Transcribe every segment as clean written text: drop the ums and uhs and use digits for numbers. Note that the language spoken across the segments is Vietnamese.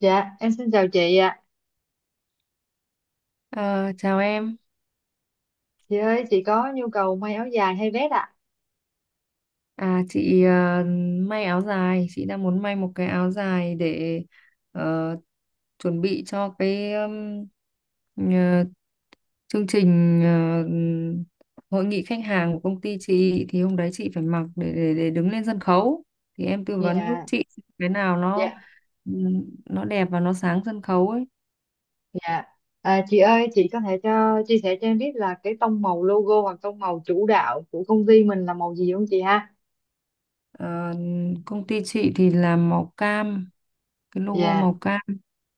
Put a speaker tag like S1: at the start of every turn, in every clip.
S1: Dạ, em xin chào chị ạ.
S2: Ờ, chào em.
S1: Chị ơi, chị có nhu cầu may áo dài hay vest ạ?
S2: À, chị may áo dài. Chị đang muốn may một cái áo dài để ờ, chuẩn bị cho cái ờ, chương trình, hội nghị khách hàng của công ty chị, thì hôm đấy chị phải mặc để đứng lên sân khấu. Thì em tư vấn giúp
S1: Dạ,
S2: chị cái nào
S1: dạ,
S2: nó đẹp và nó sáng sân khấu ấy.
S1: dạ. À, chị ơi, chị có thể cho chia sẻ cho em biết là cái tông màu logo hoặc tông màu chủ đạo của công ty mình là màu gì không chị ha?
S2: Ờ, công ty chị thì làm màu cam, cái logo
S1: Dạ.
S2: màu cam.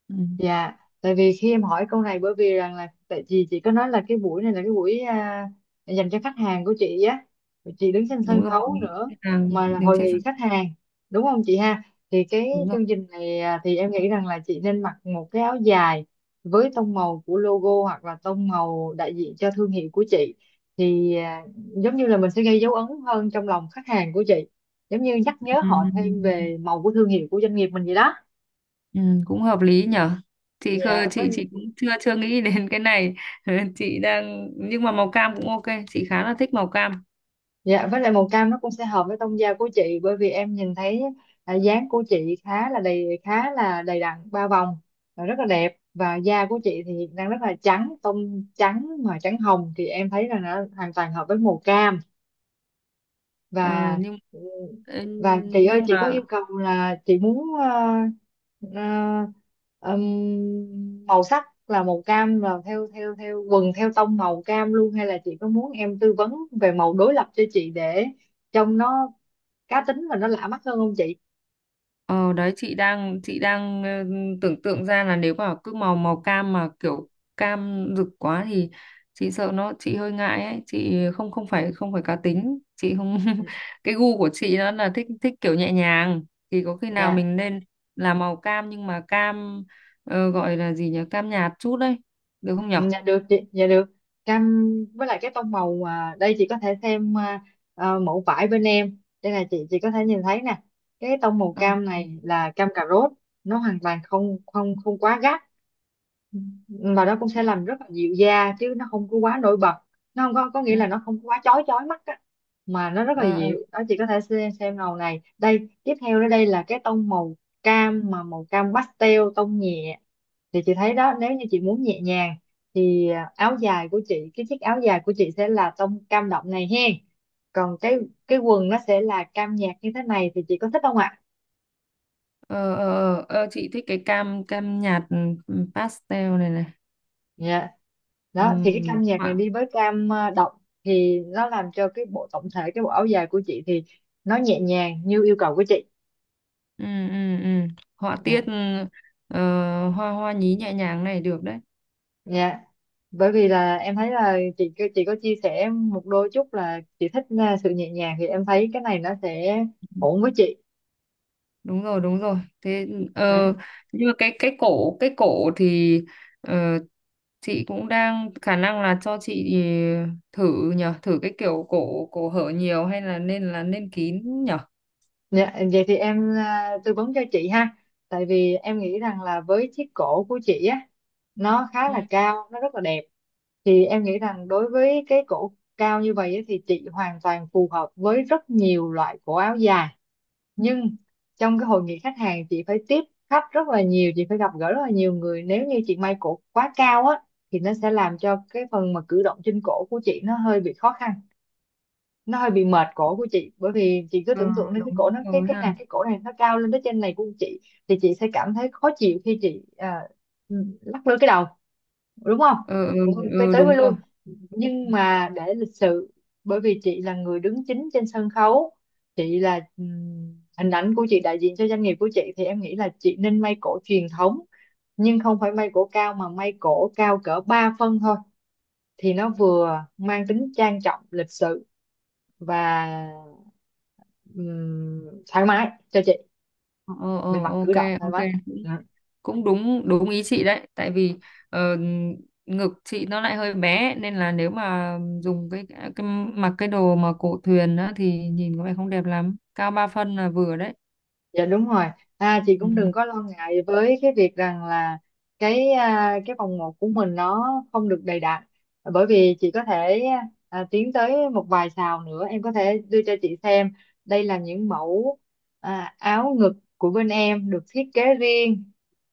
S2: Ừ,
S1: Dạ, tại vì khi em hỏi câu này bởi vì rằng là tại vì chị có nói là cái buổi này là cái buổi à, dành cho khách hàng của chị á. Rồi chị đứng trên
S2: đúng
S1: sân
S2: rồi, hội
S1: khấu
S2: nghị
S1: nữa
S2: khách hàng
S1: mà là
S2: đứng
S1: hội
S2: trên
S1: nghị
S2: sân,
S1: khách hàng, đúng không chị ha? Thì cái
S2: đúng rồi.
S1: chương trình này à, thì em nghĩ rằng là chị nên mặc một cái áo dài với tông màu của logo hoặc là tông màu đại diện cho thương hiệu của chị, thì à, giống như là mình sẽ gây dấu ấn hơn trong lòng khách hàng của chị, giống như nhắc nhớ họ thêm
S2: Ừ,
S1: về màu của thương hiệu của doanh nghiệp mình vậy đó.
S2: ừ, cũng hợp lý nhở. chị khơ
S1: Dạ, với.
S2: chị chị cũng chưa chưa nghĩ đến cái này. chị đang Nhưng mà màu cam cũng ok, chị khá là thích màu cam.
S1: Dạ, với lại màu cam nó cũng sẽ hợp với tông da của chị bởi vì em nhìn thấy à, dáng của chị khá là đầy đặn ba vòng và rất là đẹp, và da của chị thì đang rất là trắng, tông trắng mà trắng hồng thì em thấy là nó hoàn toàn hợp với màu cam.
S2: Ờ,
S1: và
S2: nhưng ừ,
S1: và chị ơi
S2: nhưng
S1: chị có
S2: mà,
S1: yêu cầu là chị muốn ờ, màu sắc là màu cam là theo theo theo quần theo tông màu cam luôn, hay là chị có muốn em tư vấn về màu đối lập cho chị để trông nó cá tính và nó lạ mắt hơn không chị?
S2: Ờ đấy chị đang tưởng tượng ra là nếu mà cứ màu màu cam mà kiểu cam rực quá thì chị sợ nó, chị hơi ngại ấy, chị không không phải cá tính, chị không.
S1: Ừ.
S2: Cái gu của chị nó là thích thích kiểu nhẹ nhàng. Thì có khi nào
S1: Dạ.
S2: mình nên là màu cam, nhưng mà cam, gọi là gì nhỉ, cam nhạt chút đấy, được không nhở?
S1: Dạ được chị, dạ được. Cam với lại cái tông màu à, đây chị có thể thêm à, à, mẫu vải bên em. Đây là chị có thể nhìn thấy nè. Cái tông màu
S2: Ờ,
S1: cam này là cam cà rốt, nó hoàn toàn không không không quá gắt mà nó cũng
S2: ừ,
S1: sẽ làm rất là dịu da chứ nó không có quá nổi bật. Nó không có, có nghĩa
S2: ừ.
S1: là nó không có quá chói chói mắt á mà nó rất là
S2: Ờ, ờ,
S1: dịu đó. Chị có thể xem màu này, đây tiếp theo đó, đây là cái tông màu cam, mà màu cam pastel tông nhẹ thì chị thấy đó, nếu như chị muốn nhẹ nhàng thì à, áo dài của chị, cái chiếc áo dài của chị sẽ là tông cam đậm này hen, còn cái quần nó sẽ là cam nhạt như thế này, thì chị có thích không ạ?
S2: ờ, ờ, ờ, chị thích cái cam cam nhạt, pastel này này.
S1: Dạ. Đó thì cái
S2: Ừ,
S1: cam nhạc này đi với cam động thì nó làm cho cái bộ tổng thể, cái bộ áo dài của chị thì nó nhẹ nhàng như yêu cầu của chị.
S2: ừ, ừ, ừ. Họa
S1: Dạ.
S2: tiết, hoa hoa nhí nhẹ nhàng này được đấy.
S1: Dạ. Bởi vì là em thấy là chị có chia sẻ một đôi chút là chị thích sự nhẹ nhàng, thì em thấy cái này nó sẽ ổn với chị.
S2: Đúng rồi, đúng rồi. Thế,
S1: Dạ.
S2: ờ, nhưng mà cái cổ, cái cổ thì, ờ, chị cũng đang khả năng là cho chị thử nhở, thử cái kiểu cổ cổ hở nhiều hay là nên kín nhở?
S1: Dạ, vậy thì em à, tư vấn cho chị ha. Tại vì em nghĩ rằng là với chiếc cổ của chị á, nó khá là
S2: Ừ,
S1: cao, nó rất là đẹp. Thì em nghĩ rằng đối với cái cổ cao như vậy á, thì chị hoàn toàn phù hợp với rất nhiều loại cổ áo dài. Nhưng trong cái hội nghị khách hàng chị phải tiếp khách rất là nhiều, chị phải gặp gỡ rất là nhiều người. Nếu như chị may cổ quá cao á, thì nó sẽ làm cho cái phần mà cử động trên cổ của chị nó hơi bị khó khăn, nó hơi bị mệt cổ của chị, bởi vì chị cứ
S2: ờ,
S1: tưởng tượng đến cái cổ,
S2: đúng
S1: nó cái
S2: rồi
S1: cái
S2: ha.
S1: này cái cổ này nó cao lên tới trên này của chị, thì chị sẽ cảm thấy khó chịu khi chị à, lắc lư cái đầu, đúng không,
S2: Ờ, ờ,
S1: cũng không tới,
S2: ờ,
S1: tới
S2: đúng
S1: với lui,
S2: rồi.
S1: nhưng mà để lịch sự bởi vì chị là người đứng chính trên sân khấu, chị là hình ảnh của chị đại diện cho doanh nghiệp của chị, thì em nghĩ là chị nên may cổ truyền thống, nhưng không phải may cổ cao mà may cổ cao cỡ 3 phân thôi, thì nó vừa mang tính trang trọng lịch sự và thoải mái cho chị
S2: Ờ, ờ, ờ,
S1: về mặt cử
S2: ok,
S1: động thoải
S2: ok.
S1: mái. Ừ.
S2: Cũng đúng, đúng ý chị đấy. Tại vì ờ, ngực chị nó lại hơi bé, nên là nếu mà dùng cái mặc cái đồ mà cổ thuyền á, thì nhìn có vẻ không đẹp lắm. Cao 3 phân là vừa đấy.
S1: Dạ đúng rồi. À, chị
S2: Ừ.
S1: cũng đừng có lo ngại với cái việc rằng là cái à, cái vòng một của mình nó không được đầy đặn, bởi vì chị có thể à, tiến tới một vài sào nữa em có thể đưa cho chị xem. Đây là những mẫu à, áo ngực của bên em được thiết kế riêng,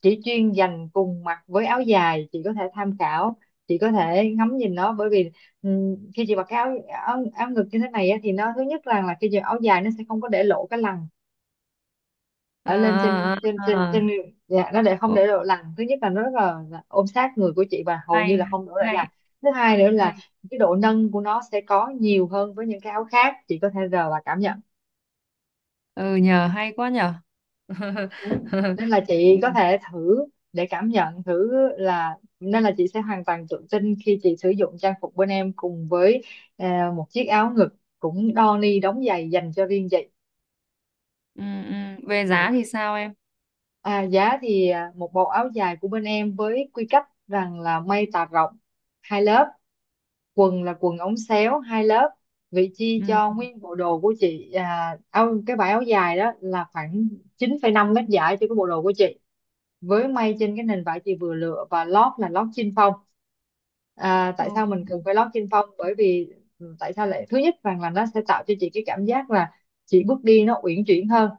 S1: chỉ chuyên dành cùng mặc với áo dài, chị có thể tham khảo, chị có thể ngắm nhìn nó, bởi vì khi chị mặc cái áo, áo ngực như thế này á, thì nó thứ nhất là khi chị mặc áo dài nó sẽ không có để lộ cái lằn ở
S2: À,
S1: lên
S2: à,
S1: trên trên
S2: à.
S1: trên
S2: À.
S1: trên Dạ, nó để không
S2: Ồ,
S1: để độ lằn, thứ nhất là nó rất là ôm sát người của chị và hầu như
S2: hay,
S1: là không đổ lại lằn.
S2: hay,
S1: Thứ hai nữa là
S2: hay.
S1: cái độ nâng của nó sẽ có nhiều hơn với những cái áo khác, chị có thể rờ và cảm nhận.
S2: Ừ nhờ, hay quá nhờ.
S1: Ừ. Nên là
S2: Ừ,
S1: chị có thể thử để cảm nhận thử, là nên là chị sẽ hoàn toàn tự tin khi chị sử dụng trang phục bên em cùng với à, một chiếc áo ngực cũng đo ni đóng giày dành cho riêng chị.
S2: ừ, ừ. Về
S1: Dạ.
S2: giá thì sao em?
S1: À, giá thì à, một bộ áo dài của bên em với quy cách rằng là may tà rộng hai lớp, quần là quần ống xéo hai lớp. Vị chi cho
S2: Ừ.
S1: nguyên bộ đồ của chị à, áo cái vải áo dài đó là khoảng 9,5 mét giải cho cái bộ đồ của chị, với may trên cái nền vải chị vừa lựa, và lót là lót chin phong. À, tại
S2: Ừ.
S1: sao mình cần phải lót chin phong, bởi vì tại sao lại thứ nhất rằng là nó sẽ tạo cho chị cái cảm giác là chị bước đi nó uyển chuyển hơn,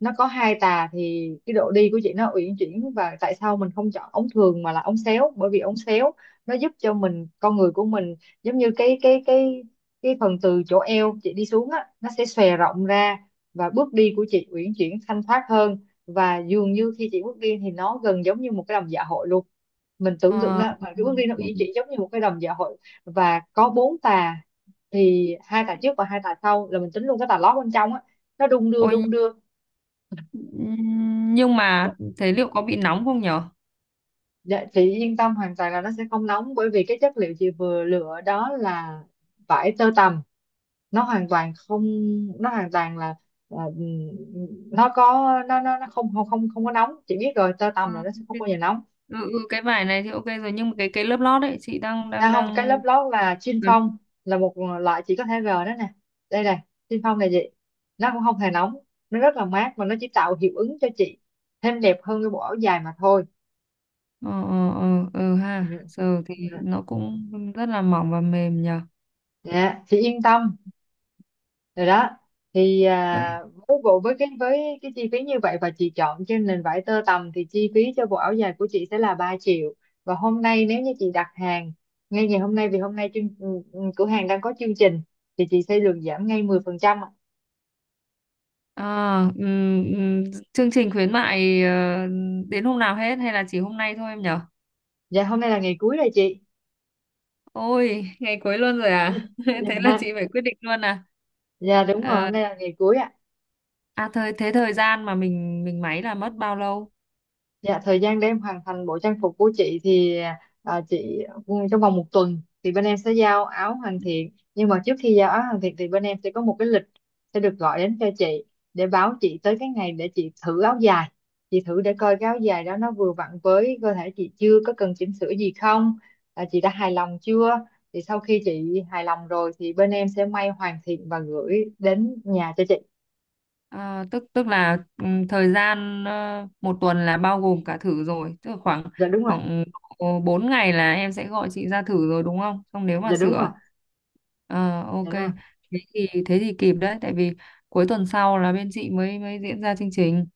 S1: nó có hai tà thì cái độ đi của chị nó uyển chuyển. Và tại sao mình không chọn ống thường mà là ống xéo, bởi vì ống xéo nó giúp cho mình, con người của mình, giống như cái cái phần từ chỗ eo chị đi xuống á nó sẽ xòe rộng ra, và bước đi của chị uyển chuyển thanh thoát hơn, và dường như khi chị bước đi thì nó gần giống như một cái đầm dạ hội luôn. Mình tưởng tượng
S2: Ờ,
S1: đó mà cái bước đi nó ý
S2: ừ.
S1: chị giống như một cái đầm dạ hội và có bốn tà, thì hai tà trước và hai tà sau là mình tính luôn cái tà lót bên trong á, nó đung đưa
S2: Ôi.
S1: đung đưa.
S2: Ừ, nhưng mà thế liệu có bị nóng không nhở?
S1: Dạ, chị yên tâm hoàn toàn là nó sẽ không nóng, bởi vì cái chất liệu chị vừa lựa đó là vải tơ tằm, nó hoàn toàn không, nó hoàn toàn là, nó có, nó nó không không không không có nóng. Chị biết rồi, tơ
S2: Ờ,
S1: tằm là nó sẽ không
S2: cái-
S1: bao giờ nóng.
S2: cái vải này thì ok rồi, nhưng mà cái lớp lót ấy chị đang đang
S1: À không, cái
S2: đang
S1: lớp lót là chin
S2: cấn.
S1: phong, là một loại chỉ có thể g đó nè. Đây này, chin phong này chị. Nó cũng không hề nóng, nó rất là mát và nó chỉ tạo hiệu ứng cho chị thêm đẹp hơn cái bộ áo dài mà thôi.
S2: Ờ, ờ, ờ, ừ,
S1: Ừ.
S2: ha, giờ thì
S1: Ừ.
S2: nó cũng rất là mỏng và mềm nhờ.
S1: Dạ, chị yên tâm rồi đó. Thì
S2: Vậy,
S1: à, với bộ, với cái, với cái chi phí như vậy và chị chọn trên nền vải tơ tằm thì chi phí cho bộ áo dài của chị sẽ là 3 triệu. Và hôm nay nếu như chị đặt hàng ngay ngày hôm nay, vì hôm nay chương, cửa hàng đang có chương trình thì chị sẽ được giảm ngay 10%.
S2: à, ừm, ừm, chương trình khuyến mại đến hôm nào hết hay là chỉ hôm nay thôi em nhở?
S1: Dạ hôm nay là ngày cuối rồi chị.
S2: Ôi, ngày cuối luôn rồi à? Thế là chị
S1: Dạ,
S2: phải quyết định luôn à?
S1: dạ đúng rồi,
S2: Ờ,
S1: hôm nay là ngày cuối ạ.
S2: à, thời gian mà mình máy là mất bao lâu?
S1: Dạ thời gian để em hoàn thành bộ trang phục của chị thì à, chị trong vòng một tuần thì bên em sẽ giao áo hoàn thiện, nhưng mà trước khi giao áo hoàn thiện thì bên em sẽ có một cái lịch sẽ được gọi đến cho chị để báo chị tới cái ngày để chị thử áo dài. Chị thử để coi cái áo dài đó nó vừa vặn với cơ thể chị chưa, có cần chỉnh sửa gì không, à, chị đã hài lòng chưa, thì sau khi chị hài lòng rồi thì bên em sẽ may hoàn thiện và gửi đến nhà cho chị.
S2: À, tức tức là thời gian, một tuần là bao gồm cả thử rồi, tức là khoảng
S1: Dạ đúng rồi.
S2: khoảng độ 4 ngày là em sẽ gọi chị ra thử rồi đúng không? Xong nếu mà
S1: Dạ đúng rồi.
S2: sửa, ok.
S1: Dạ đúng rồi.
S2: Thế thì kịp đấy, tại vì cuối tuần sau là bên chị mới mới diễn ra chương trình.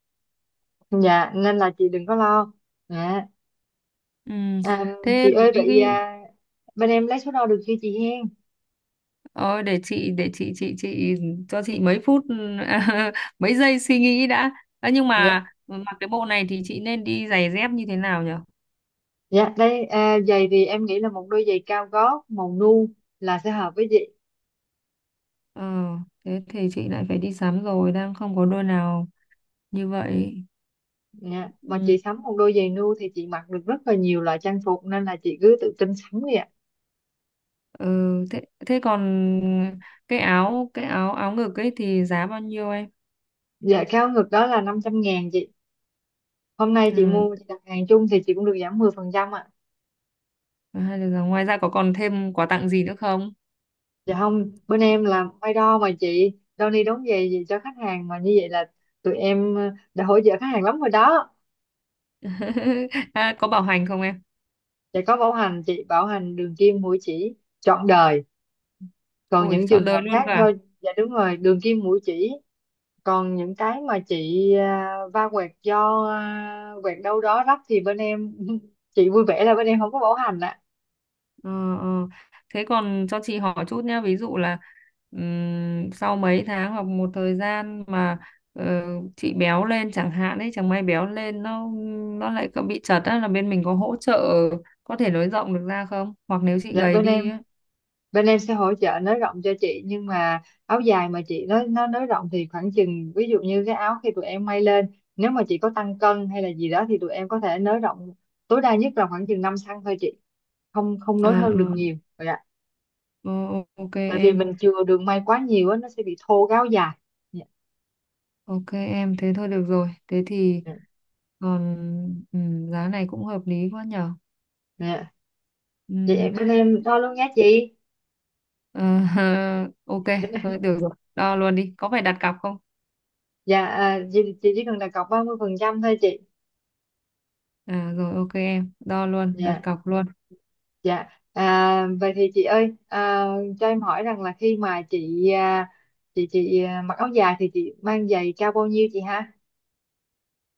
S1: Dạ nên là chị đừng có lo. Dạ.
S2: Ừm,
S1: À, chị
S2: thế mấy
S1: ơi vậy
S2: cái,
S1: à, bên em lấy số đo được chưa chị hen?
S2: ờ, để chị cho chị mấy phút, mấy giây suy nghĩ đã. Ờ, nhưng
S1: Dạ.
S2: mà mặc cái bộ này thì chị nên đi giày dép như thế nào nhỉ?
S1: Dạ đây à, giày thì em nghĩ là một đôi giày cao gót màu nu là sẽ hợp với chị.
S2: Ờ, thế thì chị lại phải đi sắm rồi, đang không có đôi nào như vậy.
S1: Dạ mà
S2: Ừ.
S1: chị sắm một đôi giày nu thì chị mặc được rất là nhiều loại trang phục nên là chị cứ tự tin sắm đi ạ.
S2: Ừ, thế thế còn cái áo áo ngực ấy thì giá bao nhiêu em?
S1: Dạ cao ngực đó là 500.000 chị, hôm nay chị
S2: Ừ,
S1: mua, chị đặt hàng chung thì chị cũng được giảm 10% ạ.
S2: hay là ngoài ra có còn thêm quà tặng gì nữa không?
S1: Dạ không, bên em làm may đo mà chị, đo ni đóng giày gì cho khách hàng mà, như vậy là tụi em đã hỗ trợ khách hàng lắm rồi đó.
S2: À, có bảo hành không em?
S1: Dạ có bảo hành chị, bảo hành đường kim mũi chỉ trọn đời. Còn
S2: Ui,
S1: những
S2: chọn
S1: trường
S2: đời
S1: hợp
S2: luôn cơ
S1: khác do,
S2: à?
S1: dạ đúng rồi, đường kim mũi chỉ. Còn những cái mà chị va quẹt do quẹt đâu đó rách thì bên em, chị vui vẻ là bên em không có bảo hành ạ.
S2: Ờ, ờ. Thế còn cho chị hỏi chút nhé, ví dụ là sau mấy tháng hoặc một thời gian mà, ờ, chị béo lên chẳng hạn ấy, chẳng may béo lên, nó lại có bị chật á, là bên mình có hỗ trợ có thể nới rộng được ra không? Hoặc nếu chị
S1: Dạ
S2: gầy
S1: bên
S2: đi
S1: em
S2: á.
S1: bên em sẽ hỗ trợ nới rộng cho chị, nhưng mà áo dài mà chị nó nới rộng thì khoảng chừng, ví dụ như cái áo khi tụi em may lên nếu mà chị có tăng cân hay là gì đó thì tụi em có thể nới rộng tối đa nhất là khoảng chừng 5 cm thôi chị, không không
S2: Ờ,
S1: nối hơn được nhiều rồi ạ,
S2: ờ, ờ, ok
S1: tại vì
S2: em,
S1: mình chừa đường may quá nhiều á nó sẽ bị thô cái áo dài. Dạ.
S2: ok em, thế thôi được rồi. Thế thì
S1: Dạ.
S2: còn, giá này cũng hợp lý quá nhở.
S1: Dạ. Vậy
S2: Ừm,
S1: bên em đo luôn nhé chị.
S2: ờ, ok, thôi được rồi, đo luôn đi. Có phải đặt cọc không?
S1: Dạ à, chị chỉ cần đặt cọc 30 phần trăm thôi chị.
S2: À rồi, ok em, đo luôn, đặt
S1: Dạ.
S2: cọc luôn.
S1: Dạ, à, vậy thì chị ơi, à, cho em hỏi rằng là khi mà chị à, chị à, mặc áo dài thì chị mang giày cao bao nhiêu chị ha?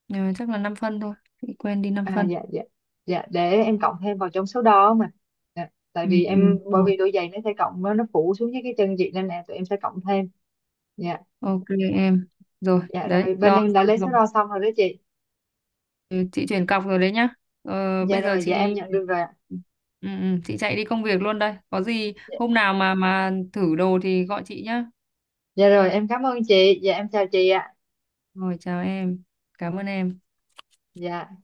S2: Nhưng chắc là 5 phân thôi, chị quên đi, 5
S1: À
S2: phân.
S1: dạ dạ. Dạ để em cộng thêm vào trong số đó mà. Dạ, tại
S2: Ừ,
S1: vì
S2: ừ,
S1: em bởi
S2: rồi,
S1: vì đôi giày nó sẽ cộng, nó phủ xuống với cái chân chị nên là tụi em sẽ cộng thêm. Dạ.
S2: ok em. Rồi,
S1: Dạ rồi
S2: đấy,
S1: bên
S2: đo
S1: em đã lấy
S2: xong
S1: số
S2: rồi,
S1: đo xong rồi đó chị.
S2: chị chuyển cọc rồi đấy nhá. Ờ,
S1: Dạ
S2: bây giờ
S1: rồi, dạ em
S2: chị
S1: nhận được rồi ạ.
S2: ừ, ừ, chị chạy đi công việc luôn đây. Có gì
S1: Dạ,
S2: hôm nào mà thử đồ thì gọi chị nhá.
S1: dạ rồi, em cảm ơn chị. Dạ em chào chị ạ.
S2: Rồi, chào em. Cảm ơn em.
S1: Dạ.